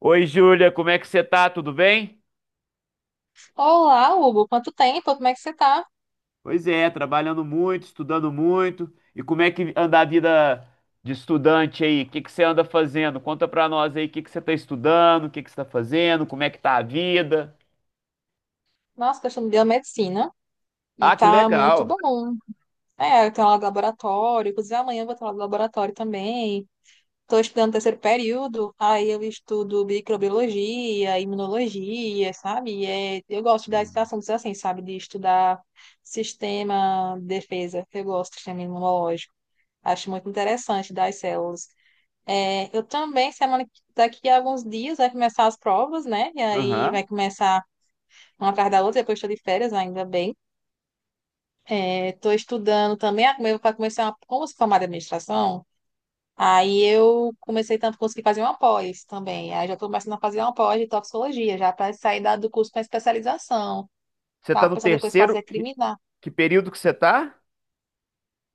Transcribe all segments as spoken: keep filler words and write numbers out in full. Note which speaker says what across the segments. Speaker 1: Oi, Júlia, como é que você tá? Tudo bem?
Speaker 2: Olá, Hugo. Quanto tempo? Como é que você tá?
Speaker 1: Pois é, trabalhando muito, estudando muito. E como é que anda a vida de estudante aí? O que que você anda fazendo? Conta pra nós aí o que que você tá estudando, o que que você tá fazendo, como é que tá a vida.
Speaker 2: Nossa, questão de biomedicina. E
Speaker 1: Ah, que
Speaker 2: tá muito
Speaker 1: legal.
Speaker 2: bom. É, eu tenho aula de laboratório. Inclusive, amanhã eu vou ter aula de laboratório também. Estou estudando terceiro período. Aí eu estudo microbiologia, imunologia, sabe? E é, eu gosto das assuntos assim, sabe? De estudar sistema de defesa. Eu gosto do sistema imunológico. Acho muito interessante das células. É, eu também, semana que- daqui a alguns dias, vai começar as provas, né? E aí
Speaker 1: Aham.
Speaker 2: vai começar uma atrás da outra, depois estou de férias, né, ainda bem. Estou estudando também para começar, uma- como se formar de administração, aí eu comecei tanto, consegui fazer uma pós também. Aí já estou começando a fazer uma pós de toxicologia, já para sair da- do curso para especialização.
Speaker 1: Você tá
Speaker 2: Tá
Speaker 1: no
Speaker 2: pensando depois fazer
Speaker 1: terceiro? Que,
Speaker 2: criminal,
Speaker 1: que período que você tá?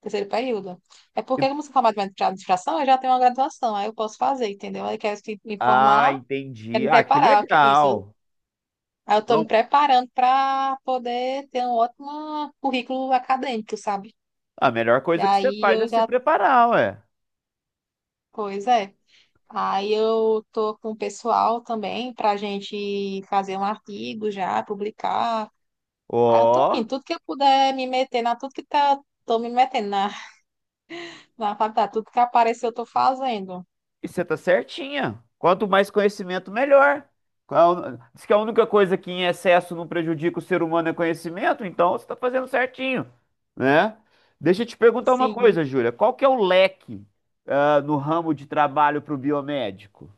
Speaker 2: terceiro período. É
Speaker 1: E-
Speaker 2: porque, como se formar de administração, eu já tenho uma graduação, aí eu posso fazer, entendeu? Aí eu quero se- me
Speaker 1: Ah,
Speaker 2: formar, quero
Speaker 1: entendi.
Speaker 2: me
Speaker 1: Ah, que
Speaker 2: preparar, que- é isso.
Speaker 1: legal.
Speaker 2: Aí eu estou
Speaker 1: Não,
Speaker 2: me preparando para poder ter um ótimo currículo acadêmico, sabe?
Speaker 1: a melhor
Speaker 2: E
Speaker 1: coisa que você
Speaker 2: aí
Speaker 1: faz é
Speaker 2: eu
Speaker 1: se
Speaker 2: já.
Speaker 1: preparar, ué.
Speaker 2: Pois é. Aí eu tô com o pessoal também para a gente fazer um artigo já, publicar. Aí eu tô
Speaker 1: Ó.
Speaker 2: indo, tudo que eu puder me meter na, tudo que tá, tô me metendo na, na faculdade, tudo que apareceu eu tô fazendo.
Speaker 1: E você tá certinha. Quanto mais conhecimento, melhor. Qual- Diz que a única coisa que em excesso não prejudica o ser humano é conhecimento, então você está fazendo certinho, né? Deixa eu te perguntar uma
Speaker 2: Sim.
Speaker 1: coisa, Júlia. Qual que é o leque, ah, no ramo de trabalho para o biomédico?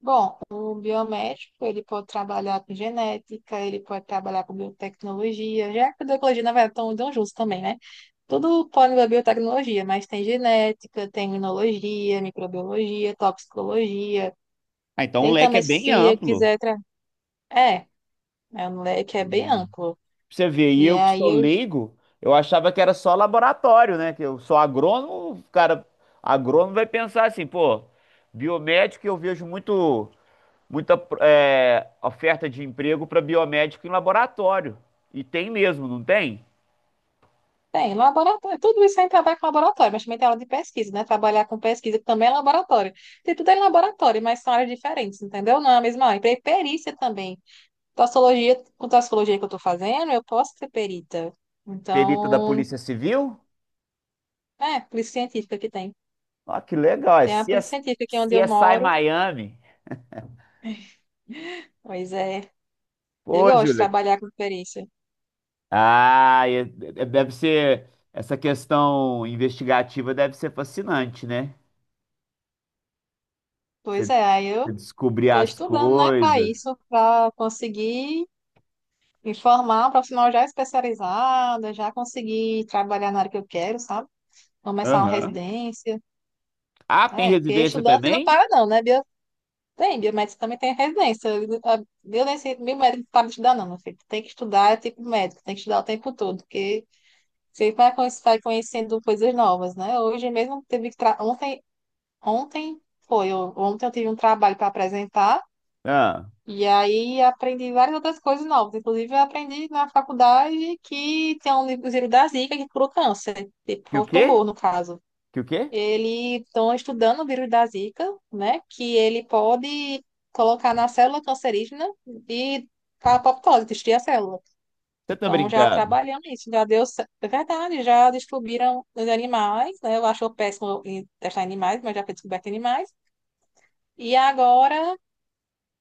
Speaker 2: Bom, o biomédico, ele pode trabalhar com genética, ele pode trabalhar com biotecnologia, já que a biotecnologia, na verdade, estão dão juntos também, né? Tudo pode envolver biotecnologia, mas tem genética, tem imunologia, microbiologia, toxicologia.
Speaker 1: Ah, então o
Speaker 2: Tem
Speaker 1: leque é
Speaker 2: também,
Speaker 1: bem
Speaker 2: se eu
Speaker 1: amplo.
Speaker 2: quiser. Tra... É, é um leque é bem
Speaker 1: Hum.
Speaker 2: amplo.
Speaker 1: Pra você vê, e
Speaker 2: E
Speaker 1: eu que
Speaker 2: aí
Speaker 1: sou
Speaker 2: eu...
Speaker 1: leigo, eu achava que era só laboratório, né? Que eu sou agrônomo, o cara, agrônomo vai pensar assim, pô, biomédico eu vejo muito. Muita é, oferta de emprego para biomédico em laboratório. E tem mesmo, não tem?
Speaker 2: tem laboratório, tudo isso aí trabalha com laboratório, mas também tem aula de pesquisa, né? Trabalhar com pesquisa que também é laboratório. Tem tudo é laboratório, mas são áreas diferentes, entendeu? Não é a mesma área. E perícia também. Toxicologia, com toxicologia que eu estou fazendo, eu posso ser perita.
Speaker 1: Perita da
Speaker 2: Então,
Speaker 1: Polícia Civil?
Speaker 2: é, polícia científica que tem.
Speaker 1: Ah, que legal.
Speaker 2: Tem a
Speaker 1: É
Speaker 2: polícia
Speaker 1: CS,
Speaker 2: científica aqui onde eu
Speaker 1: C S I
Speaker 2: moro.
Speaker 1: Miami.
Speaker 2: Pois é, eu
Speaker 1: Pô,
Speaker 2: gosto de
Speaker 1: Júlia.
Speaker 2: trabalhar com perícia.
Speaker 1: Ah, e- e- deve ser. Essa questão investigativa deve ser fascinante, né? Você
Speaker 2: Pois é, aí
Speaker 1: você
Speaker 2: eu
Speaker 1: descobrir
Speaker 2: estou
Speaker 1: as
Speaker 2: estudando, né, para
Speaker 1: coisas.
Speaker 2: isso, para conseguir me formar, um profissional já especializada, já conseguir trabalhar na área que eu quero, sabe? Começar uma
Speaker 1: Aham.
Speaker 2: residência.
Speaker 1: Ah, tem
Speaker 2: É, porque
Speaker 1: residência
Speaker 2: estudante não
Speaker 1: também?
Speaker 2: para, não, né? Bio... Tem, biomédico também tem residência. A violência, biomédico não para de estudar, não, meu filho. Tem que estudar, é tipo médico, tem que estudar o tempo todo, porque você vai con- vai conhecendo coisas novas, né? Hoje mesmo teve que. Tra- Ontem, ontem foi, eu- ontem eu tive um trabalho para apresentar.
Speaker 1: Ah,
Speaker 2: E aí aprendi várias outras coisas novas. Inclusive, eu aprendi na faculdade que tem um vírus da Zika que cura o câncer,
Speaker 1: que
Speaker 2: tipo,
Speaker 1: o
Speaker 2: o
Speaker 1: quê?
Speaker 2: tumor, no caso.
Speaker 1: Que o quê?
Speaker 2: Eles estão estudando o vírus da Zika, né? Que ele pode colocar na célula cancerígena e a apoptose, destruir a célula.
Speaker 1: Você tá
Speaker 2: Então, já
Speaker 1: brincando?
Speaker 2: trabalhando nisso, já deu... cer- é verdade, já descobriram nos animais, né? Eu acho péssimo em testar em animais, mas já foi descoberto em animais. E agora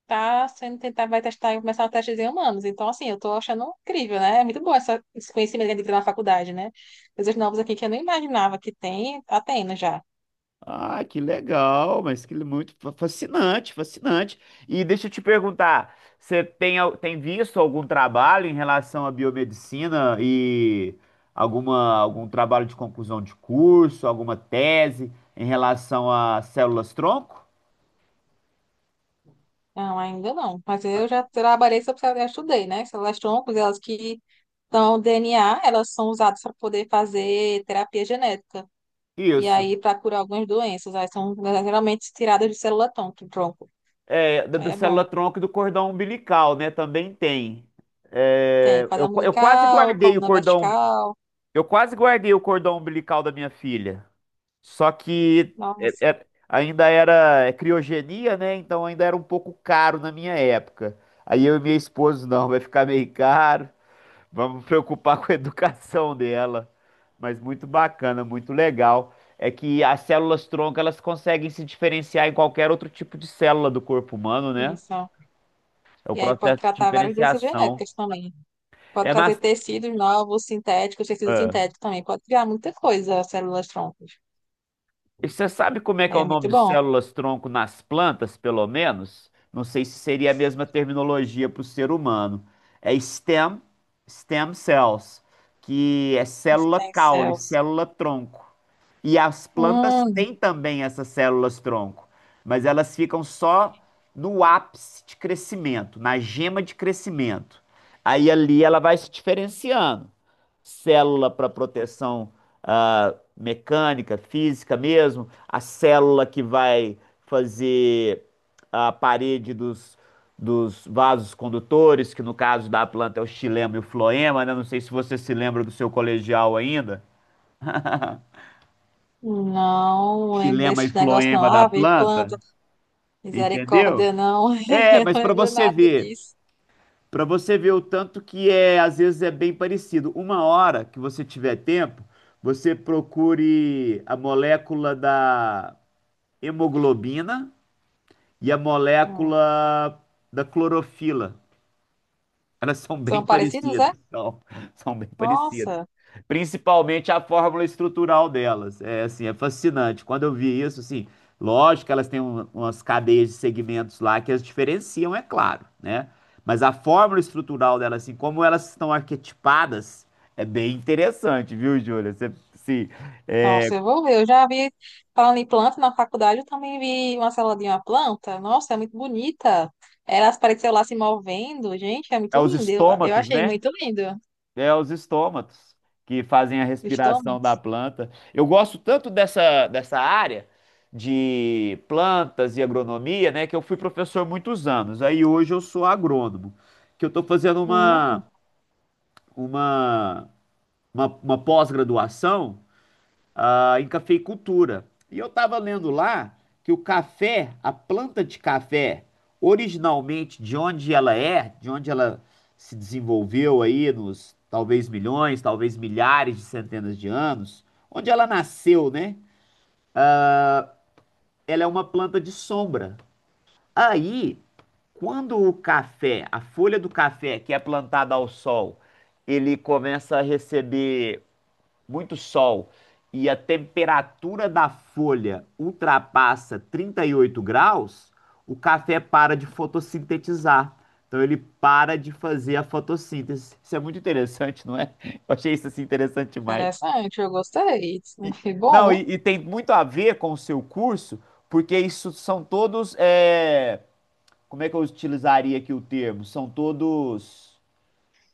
Speaker 2: tá sendo tentar, vai testar e começar a testes em humanos. Então, assim, eu tô achando incrível, né? É muito bom essa, esse conhecimento que a gente tem na faculdade, né? Coisas novas aqui que eu não imaginava que tem, tá tendo já.
Speaker 1: Ah, que legal, mas que muito fa- fascinante, fascinante. E deixa eu te perguntar, você tem, al- tem visto algum trabalho em relação à biomedicina e alguma, algum trabalho de conclusão de curso, alguma tese em relação a células-tronco?
Speaker 2: Não, ainda não. Mas eu já trabalhei sobre células, já estudei, né? Células troncos, elas que estão D N A, elas são usadas para poder fazer terapia genética. E
Speaker 1: Isso,
Speaker 2: aí, para curar algumas doenças, aí são né, geralmente tiradas de célula tronco. Tronco.
Speaker 1: é, da,
Speaker 2: Aí
Speaker 1: da
Speaker 2: é bom.
Speaker 1: célula-tronco e do cordão umbilical, né? Também tem.
Speaker 2: Tem
Speaker 1: É,
Speaker 2: quadril
Speaker 1: eu, eu quase
Speaker 2: umbilical,
Speaker 1: guardei o
Speaker 2: coluna
Speaker 1: cordão,
Speaker 2: vertical.
Speaker 1: eu quase guardei o cordão umbilical da minha filha. Só que é-
Speaker 2: Nossa,
Speaker 1: é- ainda era é criogenia, né? Então ainda era um pouco caro na minha época. Aí eu e minha esposa, não, vai ficar meio caro. Vamos preocupar com a educação dela. Mas muito bacana, muito legal. É que as células-tronco, elas conseguem se diferenciar em qualquer outro tipo de célula do corpo humano, né?
Speaker 2: isso.
Speaker 1: É o
Speaker 2: E aí pode
Speaker 1: processo de
Speaker 2: tratar várias doenças
Speaker 1: diferenciação.
Speaker 2: genéticas também. Pode
Speaker 1: É nas...
Speaker 2: trazer tecidos novos, sintéticos, tecidos sintéticos também. Pode criar muita coisa, as células troncos.
Speaker 1: E você sabe como é que é
Speaker 2: Aí
Speaker 1: o
Speaker 2: é
Speaker 1: nome
Speaker 2: muito
Speaker 1: de
Speaker 2: bom.
Speaker 1: células-tronco nas plantas, pelo menos? Não sei se seria a mesma terminologia para o ser humano. É stem, stem cells, que é célula
Speaker 2: Stem
Speaker 1: caule,
Speaker 2: cells.
Speaker 1: célula-tronco. E as plantas
Speaker 2: Hum,
Speaker 1: têm também essas células-tronco, mas elas ficam só no ápice de crescimento, na gema de crescimento. Aí ali ela vai se diferenciando célula para proteção, ah, mecânica, física mesmo, a célula que vai fazer a parede dos, dos vasos condutores, que no caso da planta é o xilema e o floema, né? Não sei se você se lembra do seu colegial ainda.
Speaker 2: não lembro
Speaker 1: Xilema e
Speaker 2: desse negócio não.
Speaker 1: floema da
Speaker 2: Ave, planta,
Speaker 1: planta, entendeu?
Speaker 2: misericórdia, não.
Speaker 1: É,
Speaker 2: Eu
Speaker 1: mas
Speaker 2: não
Speaker 1: para
Speaker 2: lembro
Speaker 1: você
Speaker 2: nada
Speaker 1: ver.
Speaker 2: disso.
Speaker 1: Para você ver o tanto que é, às vezes é bem parecido. Uma hora que você tiver tempo, você procure a molécula da hemoglobina e a
Speaker 2: Hum.
Speaker 1: molécula da clorofila. Elas são
Speaker 2: São
Speaker 1: bem
Speaker 2: parecidos, é?
Speaker 1: parecidas, são, são bem parecidas.
Speaker 2: Nossa.
Speaker 1: Principalmente a fórmula estrutural delas. É assim, é fascinante. Quando eu vi isso, assim, lógico que elas têm um- umas cadeias de segmentos lá que as diferenciam, é claro, né? Mas a fórmula estrutural delas, assim, como elas estão arquetipadas, é bem interessante, viu, Júlia? Você, assim, é,
Speaker 2: Nossa, eu vou ver. Eu já vi, falando em planta, na faculdade eu também vi uma célula de uma planta. Nossa, é muito bonita. Elas pareciam lá se movendo. Gente, é
Speaker 1: é
Speaker 2: muito
Speaker 1: os
Speaker 2: lindo. Eu, eu
Speaker 1: estômatos,
Speaker 2: achei
Speaker 1: né?
Speaker 2: muito lindo.
Speaker 1: É os estômatos que fazem a
Speaker 2: Os
Speaker 1: respiração da
Speaker 2: tômates.
Speaker 1: planta. Eu gosto tanto dessa, dessa área de plantas e agronomia, né, que eu fui professor muitos anos. Aí hoje eu sou agrônomo, que eu estou fazendo
Speaker 2: Hum,
Speaker 1: uma, uma, uma, uma pós-graduação, ah, em cafeicultura. E eu estava lendo lá que o café, a planta de café, originalmente de onde ela é, de onde ela se desenvolveu aí nos talvez milhões, talvez milhares de centenas de anos, onde ela nasceu, né? Ela é uma planta de sombra. Aí, quando o café, a folha do café que é plantada ao sol, ele começa a receber muito sol e a temperatura da folha ultrapassa trinta e oito graus, o café para de fotossintetizar. Então ele para de fazer a fotossíntese. Isso é muito interessante, não é? Eu achei isso assim interessante demais.
Speaker 2: interessante, eu gostei. Foi
Speaker 1: Não, e,
Speaker 2: bom.
Speaker 1: e tem muito a ver com o seu curso, porque isso são todos. é, como é que eu utilizaria aqui o termo? São todos,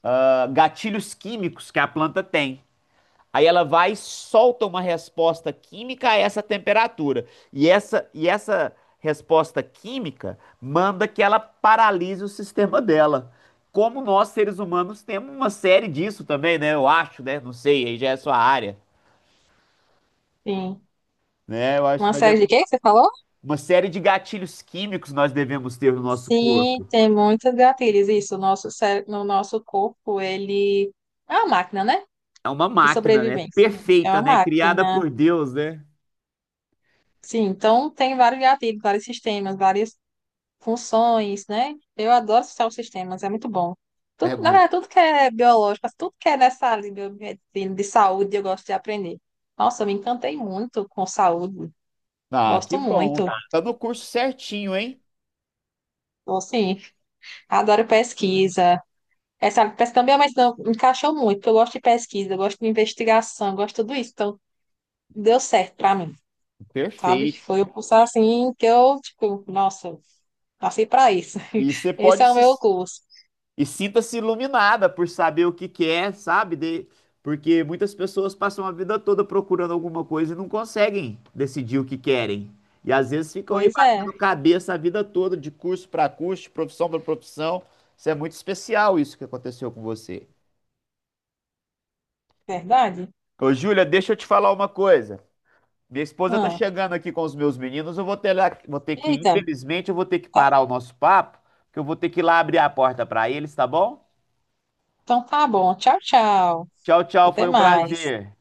Speaker 1: ah, gatilhos químicos que a planta tem. Aí ela vai e solta uma resposta química a essa temperatura. E essa, e essa resposta química manda que ela paralise o sistema dela. Como nós, seres humanos, temos uma série disso também, né? Eu acho, né? Não sei, aí já é sua área,
Speaker 2: Sim.
Speaker 1: né? Eu acho,
Speaker 2: Uma
Speaker 1: mas é
Speaker 2: série de quê que você falou?
Speaker 1: uma série de gatilhos químicos nós devemos ter no nosso
Speaker 2: Sim,
Speaker 1: corpo.
Speaker 2: tem muitos gatilhos. Isso, o nosso, cé- no nosso corpo, ele é uma máquina, né?
Speaker 1: É uma
Speaker 2: De
Speaker 1: máquina, né?
Speaker 2: sobrevivência. É
Speaker 1: Perfeita,
Speaker 2: uma
Speaker 1: né? Criada
Speaker 2: máquina.
Speaker 1: por Deus, né?
Speaker 2: Sim, então tem vários gatilhos, vários sistemas, várias funções, né? Eu adoro social sistemas, é muito bom.
Speaker 1: É
Speaker 2: Tudo, na
Speaker 1: muito.
Speaker 2: verdade, tudo que é biológico, tudo que é nessa área de biomedicina, de saúde, eu gosto de aprender. Nossa, eu me encantei muito com saúde.
Speaker 1: Ah, que
Speaker 2: Gosto
Speaker 1: bom.
Speaker 2: muito.
Speaker 1: Tá no curso certinho, hein?
Speaker 2: Então, assim, adoro pesquisa. Essa área de pesquisa também, mas não encaixou muito, porque eu gosto de pesquisa, eu gosto de investigação, eu gosto de tudo isso. Então, deu certo pra mim, sabe?
Speaker 1: Perfeito.
Speaker 2: Foi o curso, assim, que eu, tipo, nossa, nasci pra isso.
Speaker 1: E você
Speaker 2: Esse
Speaker 1: pode
Speaker 2: é o
Speaker 1: se...
Speaker 2: meu curso.
Speaker 1: E sinta-se iluminada por saber o que quer, sabe? De- Porque muitas pessoas passam a vida toda procurando alguma coisa e não conseguem decidir o que querem. E às vezes ficam aí
Speaker 2: Pois é,
Speaker 1: batendo cabeça a vida toda, de curso para curso, de profissão para profissão. Isso é muito especial, isso que aconteceu com você.
Speaker 2: verdade.
Speaker 1: Ô, Júlia, deixa eu te falar uma coisa. Minha esposa tá
Speaker 2: Ah.
Speaker 1: chegando aqui com os meus meninos. Eu vou ter, lá- vou ter que,
Speaker 2: Eita,
Speaker 1: infelizmente, eu vou ter que
Speaker 2: tá.
Speaker 1: parar o nosso papo, porque eu vou ter que ir lá abrir a porta para eles, tá bom?
Speaker 2: Então tá bom. Tchau, tchau.
Speaker 1: Tchau, tchau,
Speaker 2: Até
Speaker 1: foi um
Speaker 2: mais.
Speaker 1: prazer.